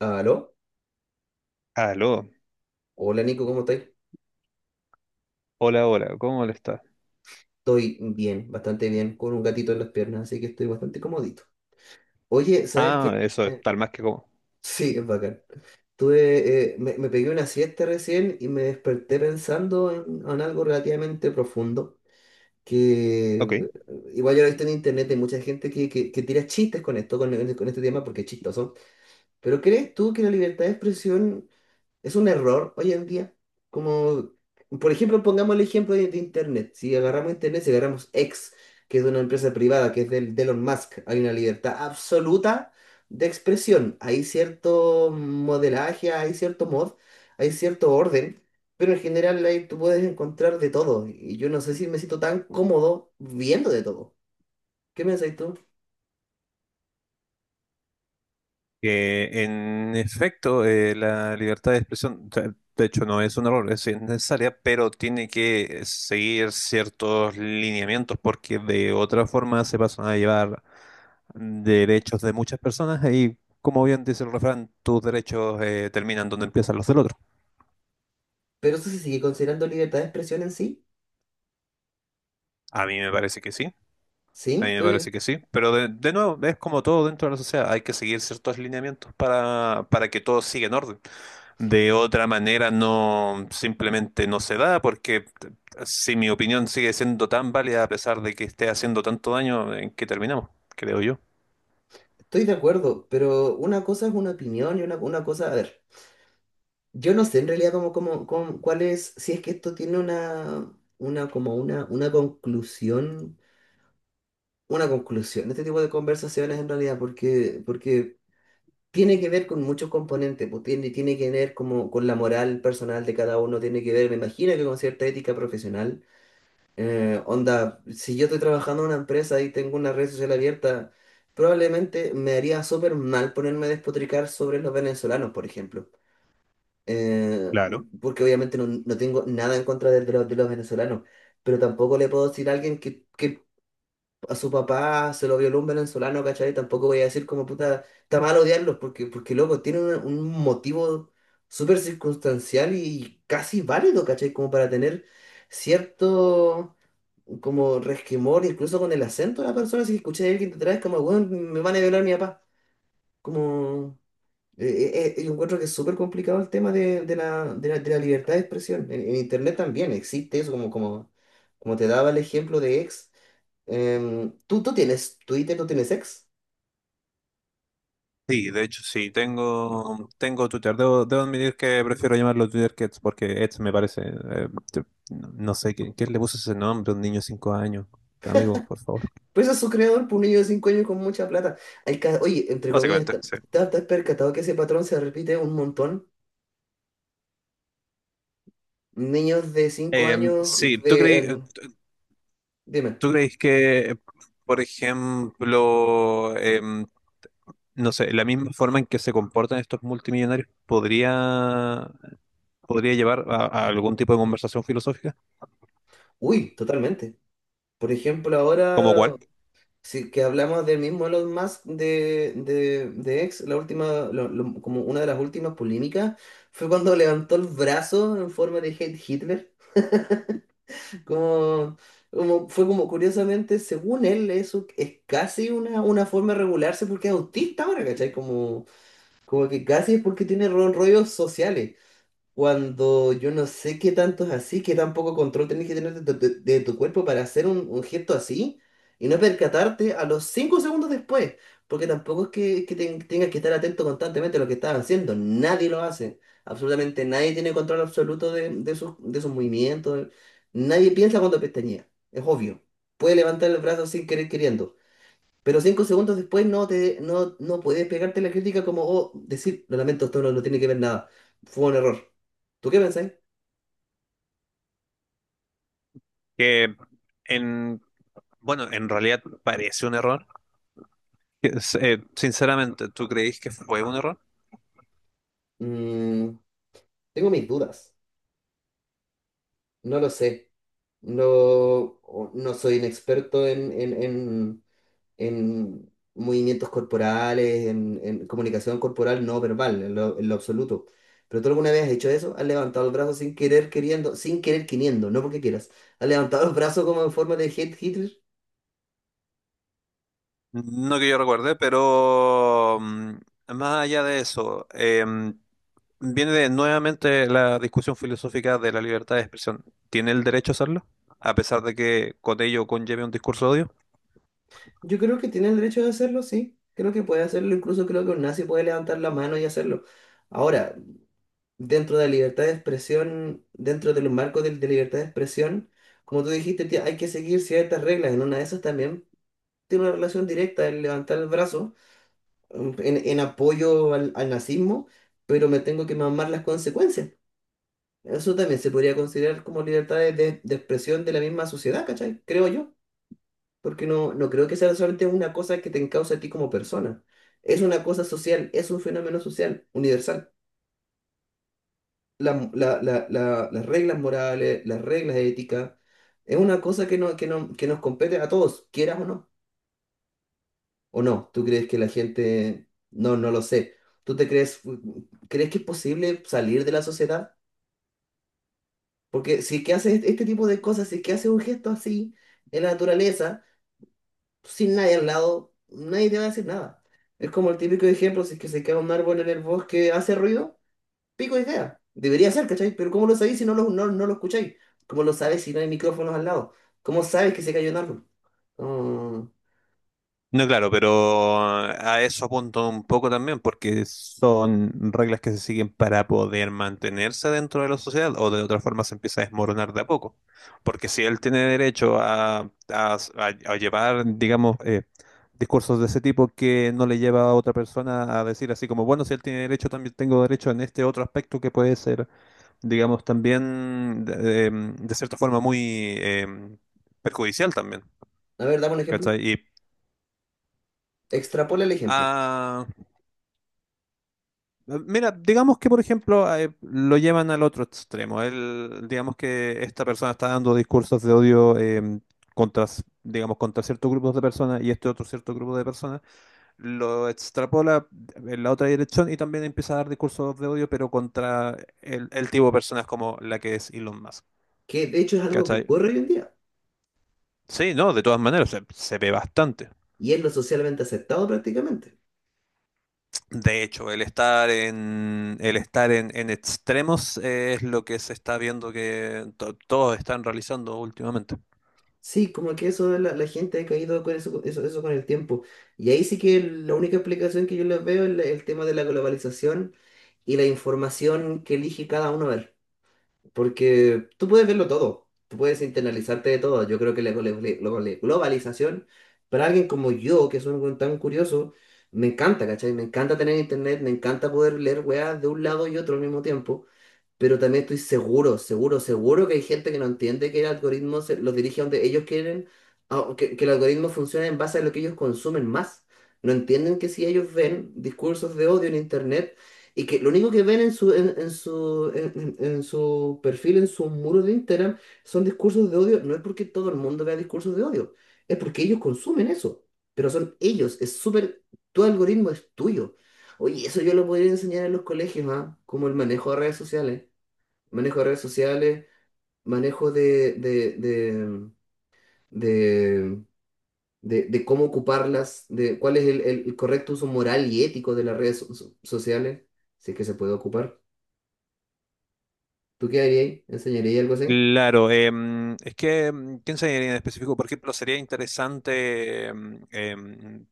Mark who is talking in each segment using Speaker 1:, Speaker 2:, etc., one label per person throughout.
Speaker 1: ¿Aló?
Speaker 2: Aló,
Speaker 1: Hola Nico, ¿cómo estáis?
Speaker 2: hola, hola, ¿cómo le está?
Speaker 1: Estoy bien, bastante bien, con un gatito en las piernas, así que estoy bastante comodito. Oye, ¿sabes
Speaker 2: Ah,
Speaker 1: qué?
Speaker 2: eso es tal más que cómo.
Speaker 1: Sí, es bacán. Me pegué una siesta recién y me desperté pensando en algo relativamente profundo, que
Speaker 2: Ok.
Speaker 1: igual yo lo he visto en internet, hay mucha gente que tira chistes con esto, con este tema, porque es chistoso. Pero ¿crees tú que la libertad de expresión es un error hoy en día? Como, por ejemplo, pongamos el ejemplo de internet. Si agarramos internet, si agarramos X, que es de una empresa privada, que es de Elon Musk, hay una libertad absoluta de expresión. Hay cierto modelaje, hay cierto orden, pero en general ahí tú puedes encontrar de todo. Y yo no sé si me siento tan cómodo viendo de todo. ¿Qué pensáis tú?
Speaker 2: En efecto, la libertad de expresión, o sea, de hecho, no es un error, es necesaria, pero tiene que seguir ciertos lineamientos porque de otra forma se pasan a llevar derechos de muchas personas y, como bien dice el refrán, tus derechos terminan donde empiezan los del otro.
Speaker 1: ¿Pero eso se sigue considerando libertad de expresión en sí?
Speaker 2: A mí me parece que sí. A
Speaker 1: ¿Sí?
Speaker 2: mí me
Speaker 1: ¿Tú?
Speaker 2: parece que sí, pero de nuevo, es como todo dentro de la sociedad, hay que seguir ciertos lineamientos para que todo siga en orden. De otra manera, no, simplemente no se da, porque si mi opinión sigue siendo tan válida a pesar de que esté haciendo tanto daño, ¿en qué terminamos? Creo yo.
Speaker 1: Estoy de acuerdo, pero una cosa es una opinión y una cosa, a ver, yo no sé en realidad cuál es, si es que esto tiene una, como una, una conclusión, una conclusión de este tipo de conversaciones en realidad, porque tiene que ver con muchos componentes, pues tiene que ver como con la moral personal de cada uno, tiene que ver, me imagino que con cierta ética profesional. Onda, si yo estoy trabajando en una empresa y tengo una red social abierta, probablemente me haría súper mal ponerme a despotricar sobre los venezolanos, por ejemplo. Eh,
Speaker 2: Claro.
Speaker 1: Porque obviamente no, no tengo nada en contra de los venezolanos, pero tampoco le puedo decir a alguien que a su papá se lo violó un venezolano, ¿cachai? Tampoco voy a decir como puta, está mal odiarlos, porque loco, tienen un motivo súper circunstancial y casi válido, ¿cachai? Como para tener cierto como resquemor, incluso con el acento de la persona, si escuché a alguien detrás, como, weón, me van a violar mi papá. Como, eh, yo encuentro que es súper complicado el tema de la libertad de expresión. En internet también existe eso, como te daba el ejemplo de ex. ¿ Tú tienes Twitter, ¿tú tienes ex?
Speaker 2: Sí, de hecho, sí, tengo Twitter. Debo admitir que prefiero llamarlo Twitter que X, porque X me parece, no sé, ¿ quién le puso ese nombre? A un niño de 5 años. Amigo, por favor.
Speaker 1: Pues es su creador por un niño de 5 años con mucha plata. Oye, entre comillas,
Speaker 2: Básicamente, sí.
Speaker 1: te has percatado que ese patrón se repite un montón? Niños de 5 años
Speaker 2: Sí, ¿tú
Speaker 1: de...
Speaker 2: crees,
Speaker 1: em, dime.
Speaker 2: tú crees que, por ejemplo, no sé, la misma forma en que se comportan estos multimillonarios podría llevar a algún tipo de conversación filosófica?
Speaker 1: Uy, totalmente. Por ejemplo,
Speaker 2: ¿Como
Speaker 1: ahora,
Speaker 2: cuál?
Speaker 1: si que hablamos del mismo Elon Musk de X, la última, como una de las últimas polémicas, fue cuando levantó el brazo en forma de hate Hitler. Como, fue como curiosamente, según él, eso es casi una forma de regularse porque es autista ahora, ¿cachai? Como, como que casi es porque tiene rollos sociales, cuando yo no sé qué tanto es así, qué tan poco control tenés que tener de de tu cuerpo para hacer un gesto así y no percatarte a los 5 segundos después, porque tampoco es que tengas que estar atento constantemente a lo que estás haciendo, nadie lo hace, absolutamente nadie tiene control absoluto de sus movimientos, nadie piensa cuando pestañea, es obvio, puede levantar el brazo sin querer queriendo. Pero 5 segundos después no, te, no, no puedes pegarte la crítica como, oh, decir, lo lamento, esto no tiene que ver nada. Fue un error. ¿Tú qué pensáis?
Speaker 2: Que en, bueno, en realidad parece un error. Es, sinceramente, ¿tú crees que fue un error?
Speaker 1: Mm, tengo mis dudas. No lo sé. No, no soy un experto en movimientos corporales, en comunicación corporal no verbal, en lo absoluto. ¿Pero tú alguna vez has hecho eso? ¿Has levantado el brazo sin querer, queriendo, sin querer, queriendo, no porque quieras? ¿Has levantado el brazo como en forma de head hitter?
Speaker 2: No que yo recuerde, pero más allá de eso, nuevamente la discusión filosófica de la libertad de expresión. ¿Tiene el derecho a hacerlo? A pesar de que con ello conlleve un discurso de odio.
Speaker 1: Yo creo que tiene el derecho de hacerlo, sí. Creo que puede hacerlo, incluso creo que un nazi puede levantar la mano y hacerlo. Ahora, dentro de la libertad de expresión, dentro de los marcos de libertad de expresión, como tú dijiste, tía, hay que seguir ciertas reglas. En una de esas también tiene una relación directa el levantar el brazo, mm, en apoyo al nazismo, pero me tengo que mamar las consecuencias. Eso también se podría considerar como libertad de expresión de la misma sociedad, ¿cachai? Creo yo. Porque no, no creo que sea solamente una cosa que te encausa a ti como persona. Es una cosa social, es un fenómeno social, universal. Las reglas morales, las reglas éticas, es una cosa que, no, que, no, que nos compete a todos, quieras o no. ¿O no? ¿Tú crees que la gente? No, no lo sé. ¿Tú te crees, Crees que es posible salir de la sociedad? Porque si es que haces este tipo de cosas, si es que haces un gesto así en la naturaleza, sin nadie al lado, nadie te va a decir nada. Es como el típico ejemplo, si es que se cae un árbol en el bosque, hace ruido, pico y cae. Debería ser, ¿cachai? Pero ¿cómo lo sabéis si no lo, no, no lo escucháis? ¿Cómo lo sabéis si no hay micrófonos al lado? ¿Cómo sabes que se cayó un árbol? Mm,
Speaker 2: No, claro, pero a eso apunto un poco también, porque son reglas que se siguen para poder mantenerse dentro de la sociedad, o de otra forma se empieza a desmoronar de a poco. Porque si él tiene derecho a llevar, digamos, discursos de ese tipo que no le lleva a otra persona a decir así como, bueno, si él tiene derecho, también tengo derecho en este otro aspecto que puede ser digamos, también de, de cierta forma muy perjudicial también,
Speaker 1: a ver, dame un ejemplo.
Speaker 2: ¿cachai? Y,
Speaker 1: Extrapola el ejemplo,
Speaker 2: ah, ah, mira, digamos que por ejemplo lo llevan al otro extremo. Él, digamos que esta persona está dando discursos de odio digamos, contra ciertos grupos de personas y este otro cierto grupo de personas lo extrapola en la otra dirección y también empieza a dar discursos de odio, pero contra el tipo de personas como la que es Elon Musk.
Speaker 1: que de hecho es algo que
Speaker 2: ¿Cachai?
Speaker 1: ocurre hoy en día
Speaker 2: Sí, no, de todas maneras, se ve bastante.
Speaker 1: y es lo socialmente aceptado prácticamente.
Speaker 2: De hecho, el estar en extremos es lo que se está viendo que todos están realizando últimamente.
Speaker 1: Sí, como que eso, la gente ha caído con eso, eso con el tiempo. Y ahí sí que la única explicación que yo les veo es el tema de la globalización y la información que elige cada uno ver. Porque tú puedes verlo todo, tú puedes internalizarte de todo. Yo creo que la globalización, para alguien como yo, que soy un tan curioso, me encanta, ¿cachai? Me encanta tener internet, me encanta poder leer weas de un lado y otro al mismo tiempo, pero también estoy seguro, seguro, seguro que hay gente que no entiende que el algoritmo los dirige a donde ellos quieren, que el algoritmo funcione en base a lo que ellos consumen más. No entienden que si ellos ven discursos de odio en internet y que lo único que ven en su, en su perfil, en su muro de Instagram, son discursos de odio, no es porque todo el mundo vea discursos de odio, es porque ellos consumen eso, pero son ellos, es súper, tu algoritmo es tuyo. Oye, eso yo lo podría enseñar en los colegios, ¿ah? Como el manejo de redes sociales, manejo de redes sociales, manejo de, de cómo ocuparlas, de cuál es el correcto uso moral y ético de las redes sociales, si es que se puede ocupar. ¿Tú qué harías ahí? ¿Enseñarías algo así?
Speaker 2: Claro, es que, ¿quién sería en específico? Por ejemplo, sería interesante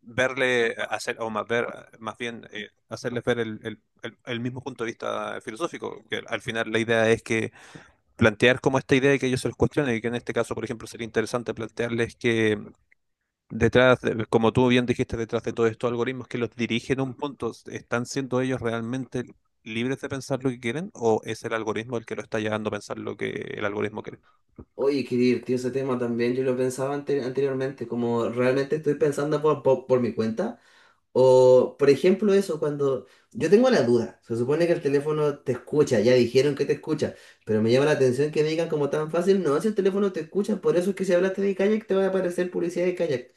Speaker 2: verle, hacer, o más, ver, más bien hacerles ver el mismo punto de vista filosófico, que al final la idea es que plantear como esta idea y que ellos se los cuestionen, y que en este caso, por ejemplo, sería interesante plantearles que detrás, como tú bien dijiste, detrás de todos estos algoritmos que los dirigen a un punto, ¿están siendo ellos realmente libres de pensar lo que quieren o es el algoritmo el que lo está llevando a pensar lo que el algoritmo quiere?
Speaker 1: Oye, qué divertido ese tema también. Yo lo pensaba anteriormente, como realmente estoy pensando por mi cuenta. O, por ejemplo, eso, cuando yo tengo la duda, se supone que el teléfono te escucha, ya dijeron que te escucha, pero me llama la atención que me digan como tan fácil, no, si el teléfono te escucha, por eso es que si hablaste de kayak te va a aparecer publicidad de kayak.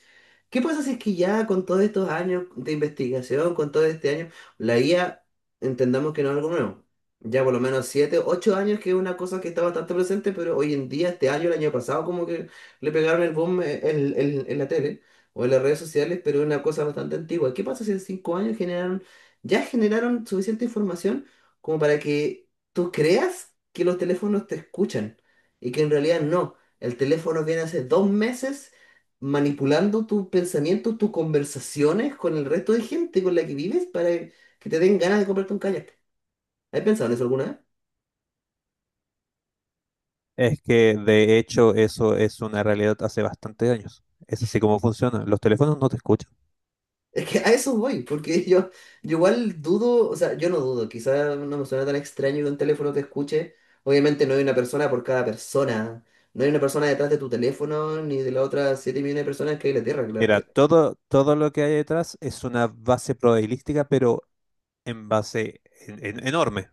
Speaker 1: ¿Qué pasa si es que ya con todos estos años de investigación, con todo este año, la IA, entendamos que no es algo nuevo? Ya por lo menos 7, 8 años que es una cosa que está bastante presente, pero hoy en día, este año, el año pasado, como que le pegaron el boom, en la tele o en las redes sociales, pero es una cosa bastante antigua. ¿Qué pasa si en 5 años generaron, ya generaron suficiente información como para que tú creas que los teléfonos te escuchan y que en realidad no? El teléfono viene hace 2 meses manipulando tus pensamientos, tus conversaciones con el resto de gente con la que vives para que te den ganas de comprarte un kayak. ¿Has pensado en eso alguna vez?
Speaker 2: Es que de hecho eso es una realidad hace bastantes años. Es así como funciona. Los teléfonos no te escuchan.
Speaker 1: Es que a eso voy, porque yo igual dudo, o sea, yo no dudo, quizás no me suena tan extraño que un teléfono te escuche. Obviamente no hay una persona por cada persona, no hay una persona detrás de tu teléfono ni de las otras 7 millones de personas que hay en la Tierra,
Speaker 2: Mira, todo lo que hay detrás es una base probabilística, pero en base enorme,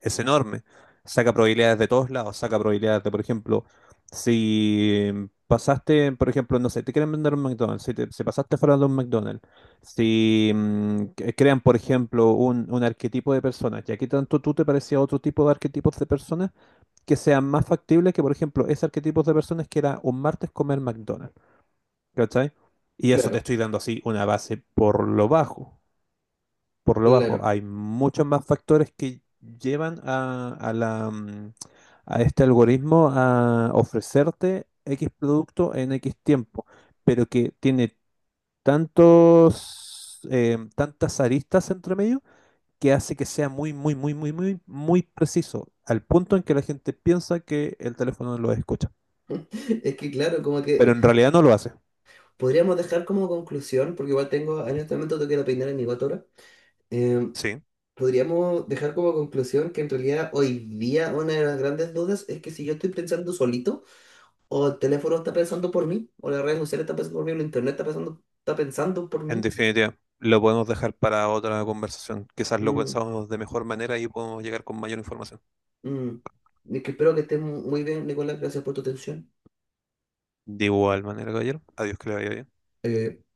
Speaker 2: es enorme. Saca probabilidades de todos lados, saca probabilidades de, por ejemplo, si pasaste, por ejemplo, no sé, te quieren vender un McDonald's, si, si pasaste fuera de un McDonald's, si crean, por ejemplo, un arquetipo de personas, ya que tanto tú te parecía otro tipo de arquetipos de personas, que sean más factibles que, por ejemplo, ese arquetipo de personas que era un martes comer McDonald's, ¿cachai? Y eso te
Speaker 1: claro.
Speaker 2: estoy dando así una base por lo bajo por lo bajo.
Speaker 1: Claro,
Speaker 2: Hay muchos más factores que llevan a la, a este algoritmo a ofrecerte X producto en X tiempo, pero que tiene tantos, tantas aristas entre medio que hace que sea muy preciso, al punto en que la gente piensa que el teléfono lo escucha,
Speaker 1: es que claro, como que
Speaker 2: pero en realidad no lo hace.
Speaker 1: podríamos dejar como conclusión, porque igual tengo, en este momento tengo que ir a peinar a mi gato ahora,
Speaker 2: Sí,
Speaker 1: podríamos dejar como conclusión que en realidad hoy día una de las grandes dudas es que si yo estoy pensando solito, o el teléfono está pensando por mí, o las redes sociales están pensando por mí, o el internet está pensando por
Speaker 2: en
Speaker 1: mí.
Speaker 2: definitiva, lo podemos dejar para otra conversación. Quizás lo
Speaker 1: Mm,
Speaker 2: pensamos de mejor manera y podemos llegar con mayor información.
Speaker 1: mm. Y que espero que estés muy bien, Nicolás. Gracias por tu atención.
Speaker 2: De igual manera, caballero. Adiós, que le vaya bien.
Speaker 1: Eh,